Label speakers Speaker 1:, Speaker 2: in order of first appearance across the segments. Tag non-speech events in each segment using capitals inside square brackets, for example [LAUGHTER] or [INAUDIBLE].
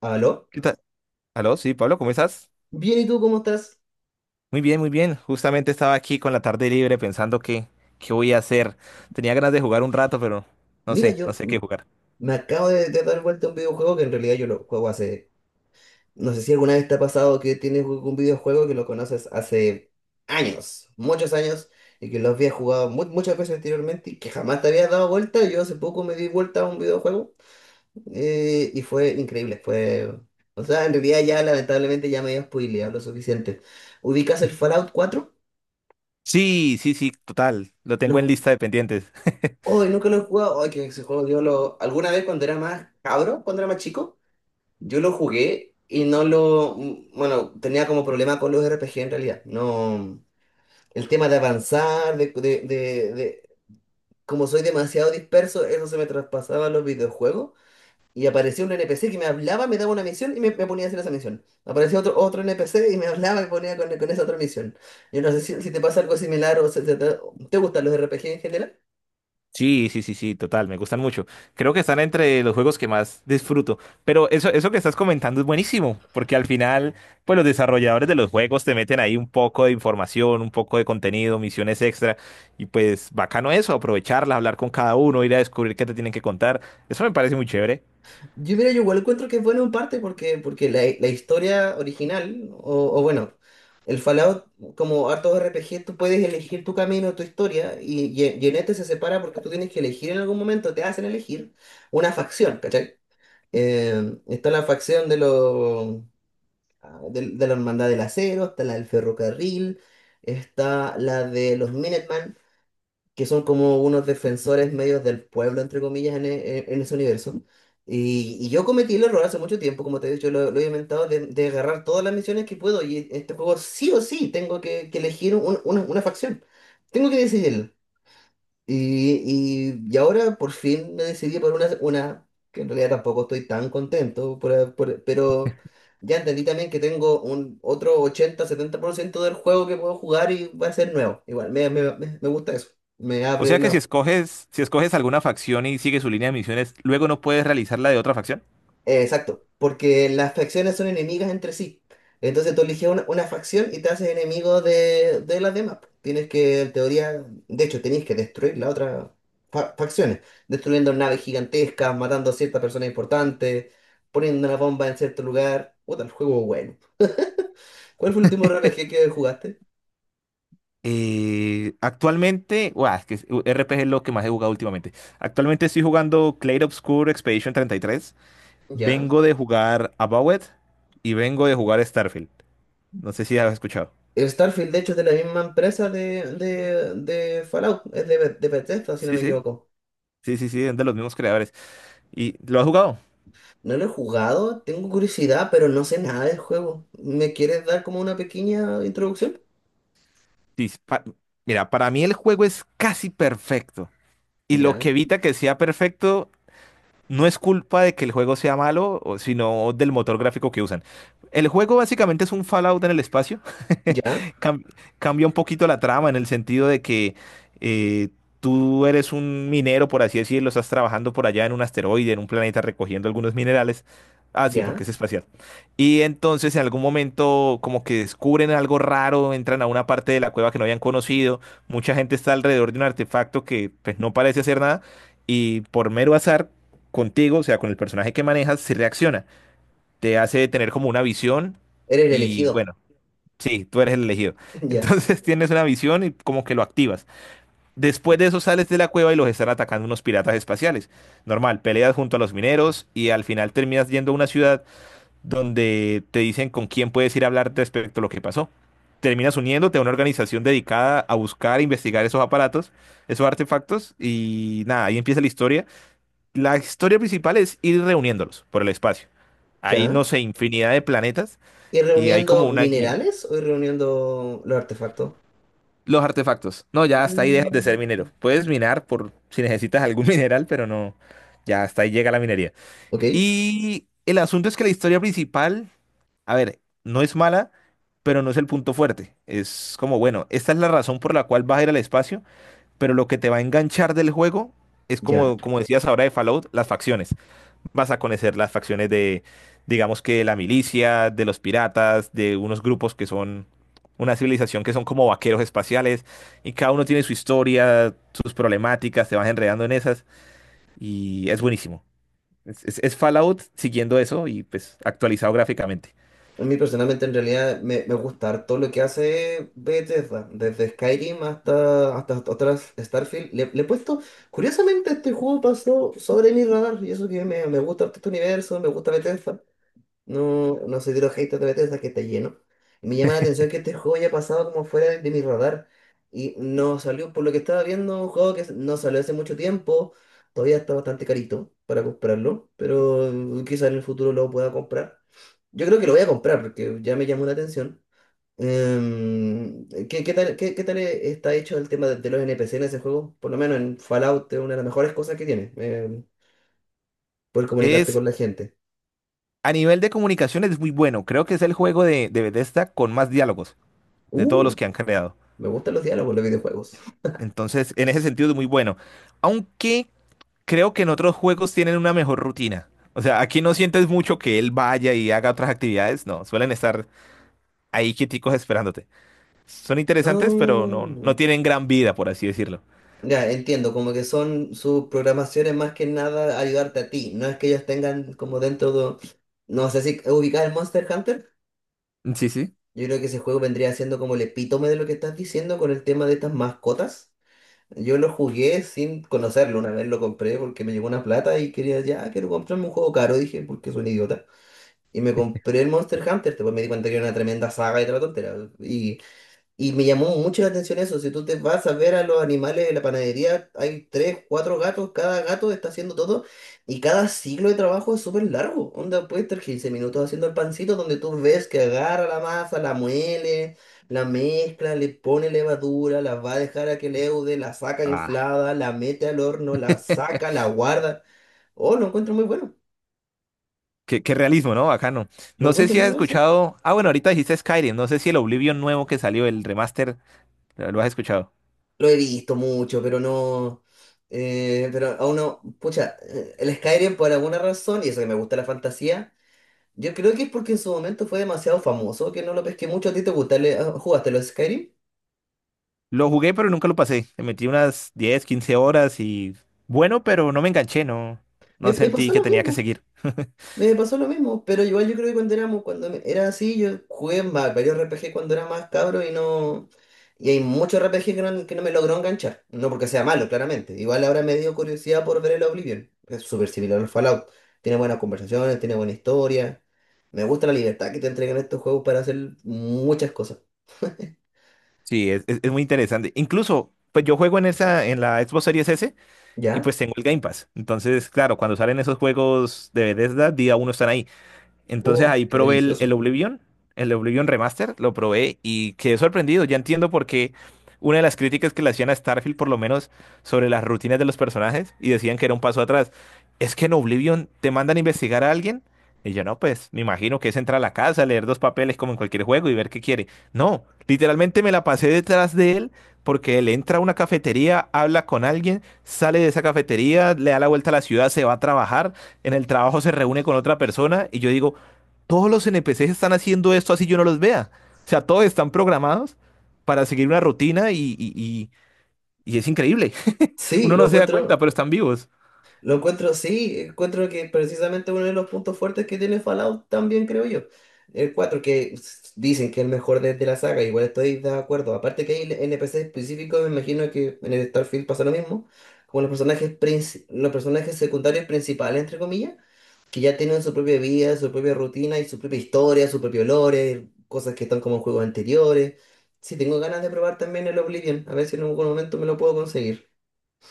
Speaker 1: ¿Aló?
Speaker 2: ¿Qué tal? Aló, sí, Pablo, ¿cómo estás?
Speaker 1: Bien, ¿y tú cómo estás?
Speaker 2: Muy bien, muy bien. Justamente estaba aquí con la tarde libre pensando qué voy a hacer. Tenía ganas de jugar un rato, pero no
Speaker 1: Mira,
Speaker 2: sé, no
Speaker 1: yo,
Speaker 2: sé qué jugar.
Speaker 1: me acabo de dar vuelta a un videojuego que en realidad yo lo juego hace... No sé si alguna vez te ha pasado que tienes un videojuego que lo conoces hace años, muchos años, y que lo habías jugado muchas veces anteriormente y que jamás te habías dado vuelta. Yo hace poco me di vuelta a un videojuego, y fue increíble, fue... O sea, en realidad ya lamentablemente ya me había spoileado lo suficiente. ¿Ubicas el Fallout 4?
Speaker 2: Sí, sí, sí, total. Lo tengo en lista de pendientes. [LAUGHS]
Speaker 1: Hoy nunca lo he jugado. Ay, que ese juego yo lo. Alguna vez cuando era más cabro, cuando era más chico, yo lo jugué y no lo. Bueno, tenía como problema con los RPG en realidad. No. El tema de avanzar. Como soy demasiado disperso, eso se me traspasaba a los videojuegos. Y aparecía un NPC que me hablaba, me daba una misión y me ponía a hacer esa misión. Aparecía otro NPC y me hablaba y me ponía con esa otra misión. Yo no sé si te pasa algo similar o se te gustan los RPG en general.
Speaker 2: Sí, sí, sí, sí, total, me gustan mucho. Creo que están entre los juegos que más disfruto. Pero eso que estás comentando es buenísimo, porque al final, pues los desarrolladores de los juegos te meten ahí un poco de información, un poco de contenido, misiones extra, y pues bacano eso, aprovecharla, hablar con cada uno, ir a descubrir qué te tienen que contar. Eso me parece muy chévere.
Speaker 1: Yo, mira, yo igual encuentro que es bueno en parte porque la historia original, o bueno, el Fallout, como harto RPG tú puedes elegir tu camino, tu historia, y en este se separa porque tú tienes que elegir en algún momento, te hacen elegir una facción, ¿cachai? Está la facción de la Hermandad del Acero, está la del Ferrocarril, está la de los Minuteman, que son como unos defensores medios del pueblo, entre comillas, en, en ese universo. Y yo cometí el error hace mucho tiempo, como te he dicho, lo he inventado, de agarrar todas las misiones que puedo. Y este juego sí o sí tengo que elegir una facción. Tengo que decidirlo. Y ahora por fin me decidí por una que en realidad tampoco estoy tan contento, pero ya entendí también que tengo un otro 80 70% del juego que puedo jugar y va a ser nuevo. Igual, me gusta eso. Me
Speaker 2: O
Speaker 1: abre
Speaker 2: sea que si
Speaker 1: las.
Speaker 2: escoges, si escoges alguna facción y sigues su línea de misiones, luego no puedes realizar la de otra facción.
Speaker 1: Exacto, porque las facciones son enemigas entre sí. Entonces tú eliges una facción y te haces enemigo de las demás. Tienes que, en teoría, de hecho, tenéis que destruir las otras facciones, destruyendo naves gigantescas, matando a ciertas personas importantes, poniendo una bomba en cierto lugar. Puta, el juego es bueno. ¿Cuál fue el último RPG que jugaste?
Speaker 2: Actualmente, guau, RPG es lo que más he jugado últimamente. Actualmente estoy jugando Clair Obscur Expedition 33.
Speaker 1: ¿Ya?
Speaker 2: Vengo de jugar Avowed y vengo de jugar Starfield. No sé si has escuchado.
Speaker 1: El Starfield, de hecho, es de la misma empresa de Fallout, es de Bethesda, si no
Speaker 2: Sí,
Speaker 1: me
Speaker 2: sí,
Speaker 1: equivoco.
Speaker 2: sí, sí, sí, es de los mismos creadores. ¿Y lo has jugado?
Speaker 1: No lo he jugado, tengo curiosidad, pero no sé nada del juego. ¿Me quieres dar como una pequeña introducción?
Speaker 2: Sí, pa- Mira, para mí el juego es casi perfecto. Y lo que
Speaker 1: Ya,
Speaker 2: evita que sea perfecto no es culpa de que el juego sea malo, o- sino del motor gráfico que usan. El juego básicamente es un Fallout en el espacio.
Speaker 1: ya,
Speaker 2: [LAUGHS] Cam- cambia un poquito la trama en el sentido de que eh, tú eres un minero, por así decirlo, estás trabajando por allá en un asteroide, en un planeta recogiendo algunos minerales. Ah, sí, porque
Speaker 1: ya.
Speaker 2: es espacial. Y entonces en algún momento como que descubren algo raro, entran a una parte de la cueva que no habían conocido, mucha gente está alrededor de un artefacto que pues no parece hacer nada y por mero azar contigo, o sea, con el personaje que manejas, se reacciona. Te hace tener como una visión
Speaker 1: Eres el
Speaker 2: y
Speaker 1: elegido.
Speaker 2: bueno, sí, tú eres el elegido.
Speaker 1: [LAUGHS] Ya,
Speaker 2: Entonces [LAUGHS] tienes una visión y como que lo activas. Después de eso sales de la cueva y los están atacando unos piratas espaciales. Normal, peleas junto a los mineros y al final terminas yendo a una ciudad donde te dicen con quién puedes ir a hablar respecto a lo que pasó. Terminas uniéndote a una organización dedicada a buscar e investigar esos aparatos, esos artefactos y nada, ahí empieza la historia principal es ir reuniéndolos por el espacio. Hay,
Speaker 1: ya.
Speaker 2: no sé, infinidad de planetas
Speaker 1: ¿Ir
Speaker 2: y hay como
Speaker 1: reuniendo
Speaker 2: una guía.
Speaker 1: minerales o ir reuniendo los artefactos?
Speaker 2: Los artefactos. No, ya hasta ahí dejas de ser
Speaker 1: Mm.
Speaker 2: minero. Puedes minar por si necesitas algún [LAUGHS] mineral, pero no. Ya hasta ahí llega la minería.
Speaker 1: Ok,
Speaker 2: Y el asunto es que la historia principal, a ver, no es mala, pero no es el punto fuerte. Es como, bueno, esta es la razón por la cual vas a ir al espacio, pero lo que te va a enganchar del juego es
Speaker 1: ya.
Speaker 2: como, como decías ahora de Fallout, las facciones. Vas a conocer las facciones de, digamos que la milicia, de los piratas, de unos grupos que son una civilización que son como vaqueros espaciales y cada uno tiene su historia, sus problemáticas, te vas enredando en esas y es buenísimo. Es Fallout siguiendo eso y pues actualizado gráficamente.
Speaker 1: A mí personalmente en realidad me gusta todo lo que hace Bethesda, desde Skyrim hasta otras Starfield. Le he puesto, curiosamente este juego pasó sobre mi radar y eso que me gusta harto este universo, me gusta Bethesda. No, no soy de los haters de Bethesda que está lleno. Me llama la atención que este juego haya pasado como fuera de mi radar. Y no salió, por lo que estaba viendo, un juego que no salió hace mucho tiempo. Todavía está bastante carito para comprarlo. Pero quizás en el futuro lo pueda comprar. Yo creo que lo voy a comprar porque ya me llamó la atención. ¿Qué tal está hecho el tema de los NPC en ese juego? Por lo menos en Fallout es una de las mejores cosas que tiene. Poder comunicarte
Speaker 2: Es
Speaker 1: con la gente.
Speaker 2: a nivel de comunicaciones es muy bueno. Creo que es el juego de Bethesda con más diálogos de todos
Speaker 1: Uh,
Speaker 2: los que han creado.
Speaker 1: me gustan los diálogos en los videojuegos.
Speaker 2: Entonces, en ese sentido es muy bueno. Aunque creo que en otros juegos tienen una mejor rutina. O sea, aquí no sientes mucho que él vaya y haga otras actividades. No, suelen estar ahí quieticos esperándote. Son interesantes, pero
Speaker 1: Ah,
Speaker 2: no, no tienen gran vida, por así decirlo.
Speaker 1: ya, entiendo, como que son sus programaciones más que nada ayudarte a ti, no es que ellos tengan como dentro de... No sé si ubicás el Monster Hunter,
Speaker 2: Sí, sí.
Speaker 1: yo creo que ese juego vendría siendo como el epítome de lo que estás diciendo con el tema de estas mascotas. Yo lo jugué sin conocerlo, una vez lo compré porque me llegó una plata y quería, ya, quiero comprarme un juego caro, dije, porque soy un idiota. Y me compré el Monster Hunter, después me di cuenta que era una tremenda saga y toda la tontera. Y me llamó mucho la atención eso. Si tú te vas a ver a los animales de la panadería, hay tres, cuatro gatos, cada gato está haciendo todo y cada ciclo de trabajo es súper largo. Onda, puede estar 15 minutos haciendo el pancito donde tú ves que agarra la masa, la muele, la mezcla, le pone levadura, la va a dejar a que leude, la saca
Speaker 2: Ah,
Speaker 1: inflada, la mete al horno, la
Speaker 2: [LAUGHS]
Speaker 1: saca, la guarda. Oh, lo encuentro muy bueno.
Speaker 2: qué, qué realismo, ¿no? Bacano.
Speaker 1: Lo
Speaker 2: No sé
Speaker 1: encuentro
Speaker 2: si
Speaker 1: muy
Speaker 2: has
Speaker 1: raro.
Speaker 2: escuchado. Ah, bueno, ahorita dijiste Skyrim. No sé si el Oblivion nuevo que salió, el remaster, lo has escuchado.
Speaker 1: Lo he visto mucho, pero no. Pero aún no. Pucha, el Skyrim por alguna razón, y eso que me gusta la fantasía, yo creo que es porque en su momento fue demasiado famoso, que no lo pesqué mucho. ¿A ti te gusta? ¿Le- ah, ¿jugaste los Skyrim?
Speaker 2: Lo jugué, pero nunca lo pasé. Le metí unas 10, 15 horas y. Bueno, pero no me enganché, no.
Speaker 1: Me,
Speaker 2: No
Speaker 1: me
Speaker 2: sentí
Speaker 1: pasó
Speaker 2: que
Speaker 1: lo
Speaker 2: tenía que
Speaker 1: mismo.
Speaker 2: seguir. [LAUGHS]
Speaker 1: Me pasó lo mismo, pero igual yo creo que cuando éramos, cuando era así, yo jugué en varios RPG cuando era más cabro y no. Y hay muchos RPG que no me logró enganchar. No porque sea malo, claramente. Igual ahora me dio curiosidad por ver el Oblivion. Es súper similar al Fallout. Tiene buenas conversaciones, tiene buena historia. Me gusta la libertad que te entregan estos juegos para hacer muchas cosas.
Speaker 2: Sí, es muy interesante. Incluso, pues yo juego en esa, en la Xbox Series S y
Speaker 1: ¿Ya?
Speaker 2: pues tengo el Game Pass. Entonces, claro, cuando salen esos juegos de Bethesda, día uno están ahí. Entonces
Speaker 1: Oh,
Speaker 2: ahí
Speaker 1: qué
Speaker 2: probé el
Speaker 1: delicioso.
Speaker 2: Oblivion, el Oblivion Remaster, lo probé y quedé sorprendido. Ya entiendo por qué una de las críticas que le hacían a Starfield, por lo menos sobre las rutinas de los personajes, y decían que era un paso atrás. Es que en Oblivion te mandan a investigar a alguien. Y yo, no, pues me imagino que es entrar a la casa, leer dos papeles como en cualquier juego y ver qué quiere. No, literalmente me la pasé detrás de él porque él entra a una cafetería, habla con alguien, sale de esa cafetería, le da la vuelta a la ciudad, se va a trabajar en el trabajo se reúne con otra persona y yo digo, todos los NPCs están haciendo esto así yo no los vea. O sea, todos están programados para seguir una rutina y es increíble. [LAUGHS]
Speaker 1: Sí,
Speaker 2: Uno
Speaker 1: lo
Speaker 2: no se da cuenta,
Speaker 1: encuentro.
Speaker 2: pero están vivos.
Speaker 1: Lo encuentro, sí, encuentro que precisamente uno de los puntos fuertes que tiene Fallout también creo yo. El 4 que dicen que es el mejor de la saga, igual estoy de acuerdo. Aparte que hay NPC específicos, me imagino que en el Starfield pasa lo mismo, como los personajes, los personajes secundarios principales, entre comillas, que ya tienen su propia vida, su propia rutina y su propia historia, su propio lore, cosas que están como en juegos anteriores. Sí, tengo ganas de probar también el Oblivion, a ver si en algún momento me lo puedo conseguir.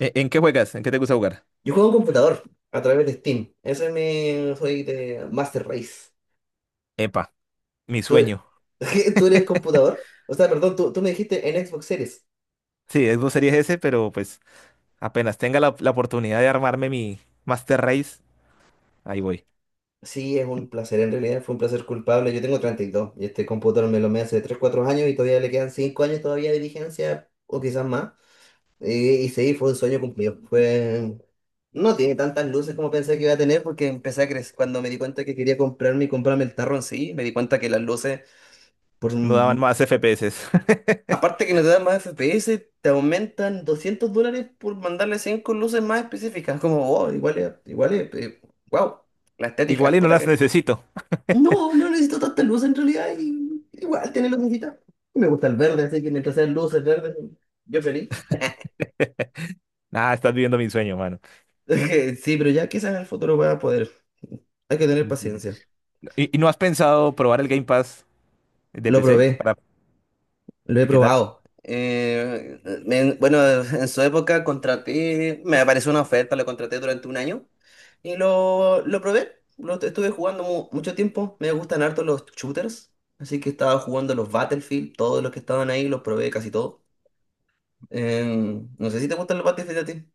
Speaker 2: ¿En, qué juegas? ¿En qué te gusta jugar?
Speaker 1: Yo juego en computador a través de Steam. Ese es mi. Soy de Master Race.
Speaker 2: Epa, mi
Speaker 1: ¿Tú,
Speaker 2: sueño.
Speaker 1: [LAUGHS] tú, eres computador? O sea, perdón, tú me dijiste en Xbox Series.
Speaker 2: Sí, Xbox Series S, pero pues apenas tenga la oportunidad de armarme mi Master Race, ahí voy.
Speaker 1: Sí, es un placer, en realidad fue un placer culpable. Yo tengo 32 y dos y este computador me lo me hace 3 4 años y todavía le quedan 5 años todavía de vigencia o quizás más. Y sí, fue un sueño cumplido. Fue... No tiene tantas luces como pensé que iba a tener porque empecé a crecer. Cuando me di cuenta que quería comprarme y comprarme el tarro en sí, me di cuenta que las luces, por,
Speaker 2: No daban más FPS. [LAUGHS]
Speaker 1: aparte que no te dan más FPS, te aumentan $200 por mandarle 5 luces más específicas. Como, oh, igual es, wow, la
Speaker 2: Igual
Speaker 1: estética,
Speaker 2: y no
Speaker 1: puta
Speaker 2: las
Speaker 1: que...
Speaker 2: necesito.
Speaker 1: No, no necesito tanta luz en realidad, y igual tiene lucecita. Y me gusta el verde, así que mientras sean luces verdes, yo feliz. [LAUGHS]
Speaker 2: Ah, estás viviendo mi sueño, mano.
Speaker 1: Sí, pero ya quizás en el futuro voy a poder. Hay que
Speaker 2: Sí,
Speaker 1: tener
Speaker 2: sí, sí.
Speaker 1: paciencia.
Speaker 2: ¿Y no has pensado probar el Game Pass de
Speaker 1: Lo
Speaker 2: PC?
Speaker 1: probé.
Speaker 2: Para...
Speaker 1: Lo he
Speaker 2: ¿Y qué tal?
Speaker 1: probado. Bueno, [LAUGHS] en su época contraté, me apareció una oferta, lo contraté durante un año y lo probé. Lo estuve jugando mucho tiempo. Me gustan harto los shooters, así que estaba jugando los Battlefield, todos los que estaban ahí los probé casi todos. Eh, no sé si te gustan los Battlefield a ti.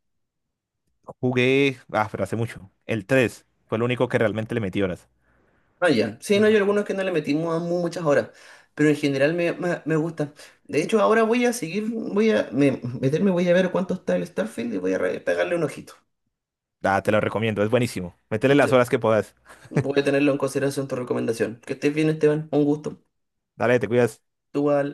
Speaker 2: Jugué, ah, pero hace mucho. El 3 fue el único que realmente le metí horas.
Speaker 1: Ah, ya. Sí,
Speaker 2: El
Speaker 1: no, hay
Speaker 2: Valorant.
Speaker 1: algunos que no le metimos a muchas horas, pero en general me gusta. De hecho, ahora voy a seguir, voy a meterme, voy a ver cuánto está el Starfield y voy a pegarle un ojito.
Speaker 2: Ah, te lo recomiendo, es buenísimo. Métele las horas que puedas.
Speaker 1: Voy a tenerlo en consideración tu recomendación. Que estés bien, Esteban. Un gusto.
Speaker 2: Dale, te cuidas.
Speaker 1: Igual.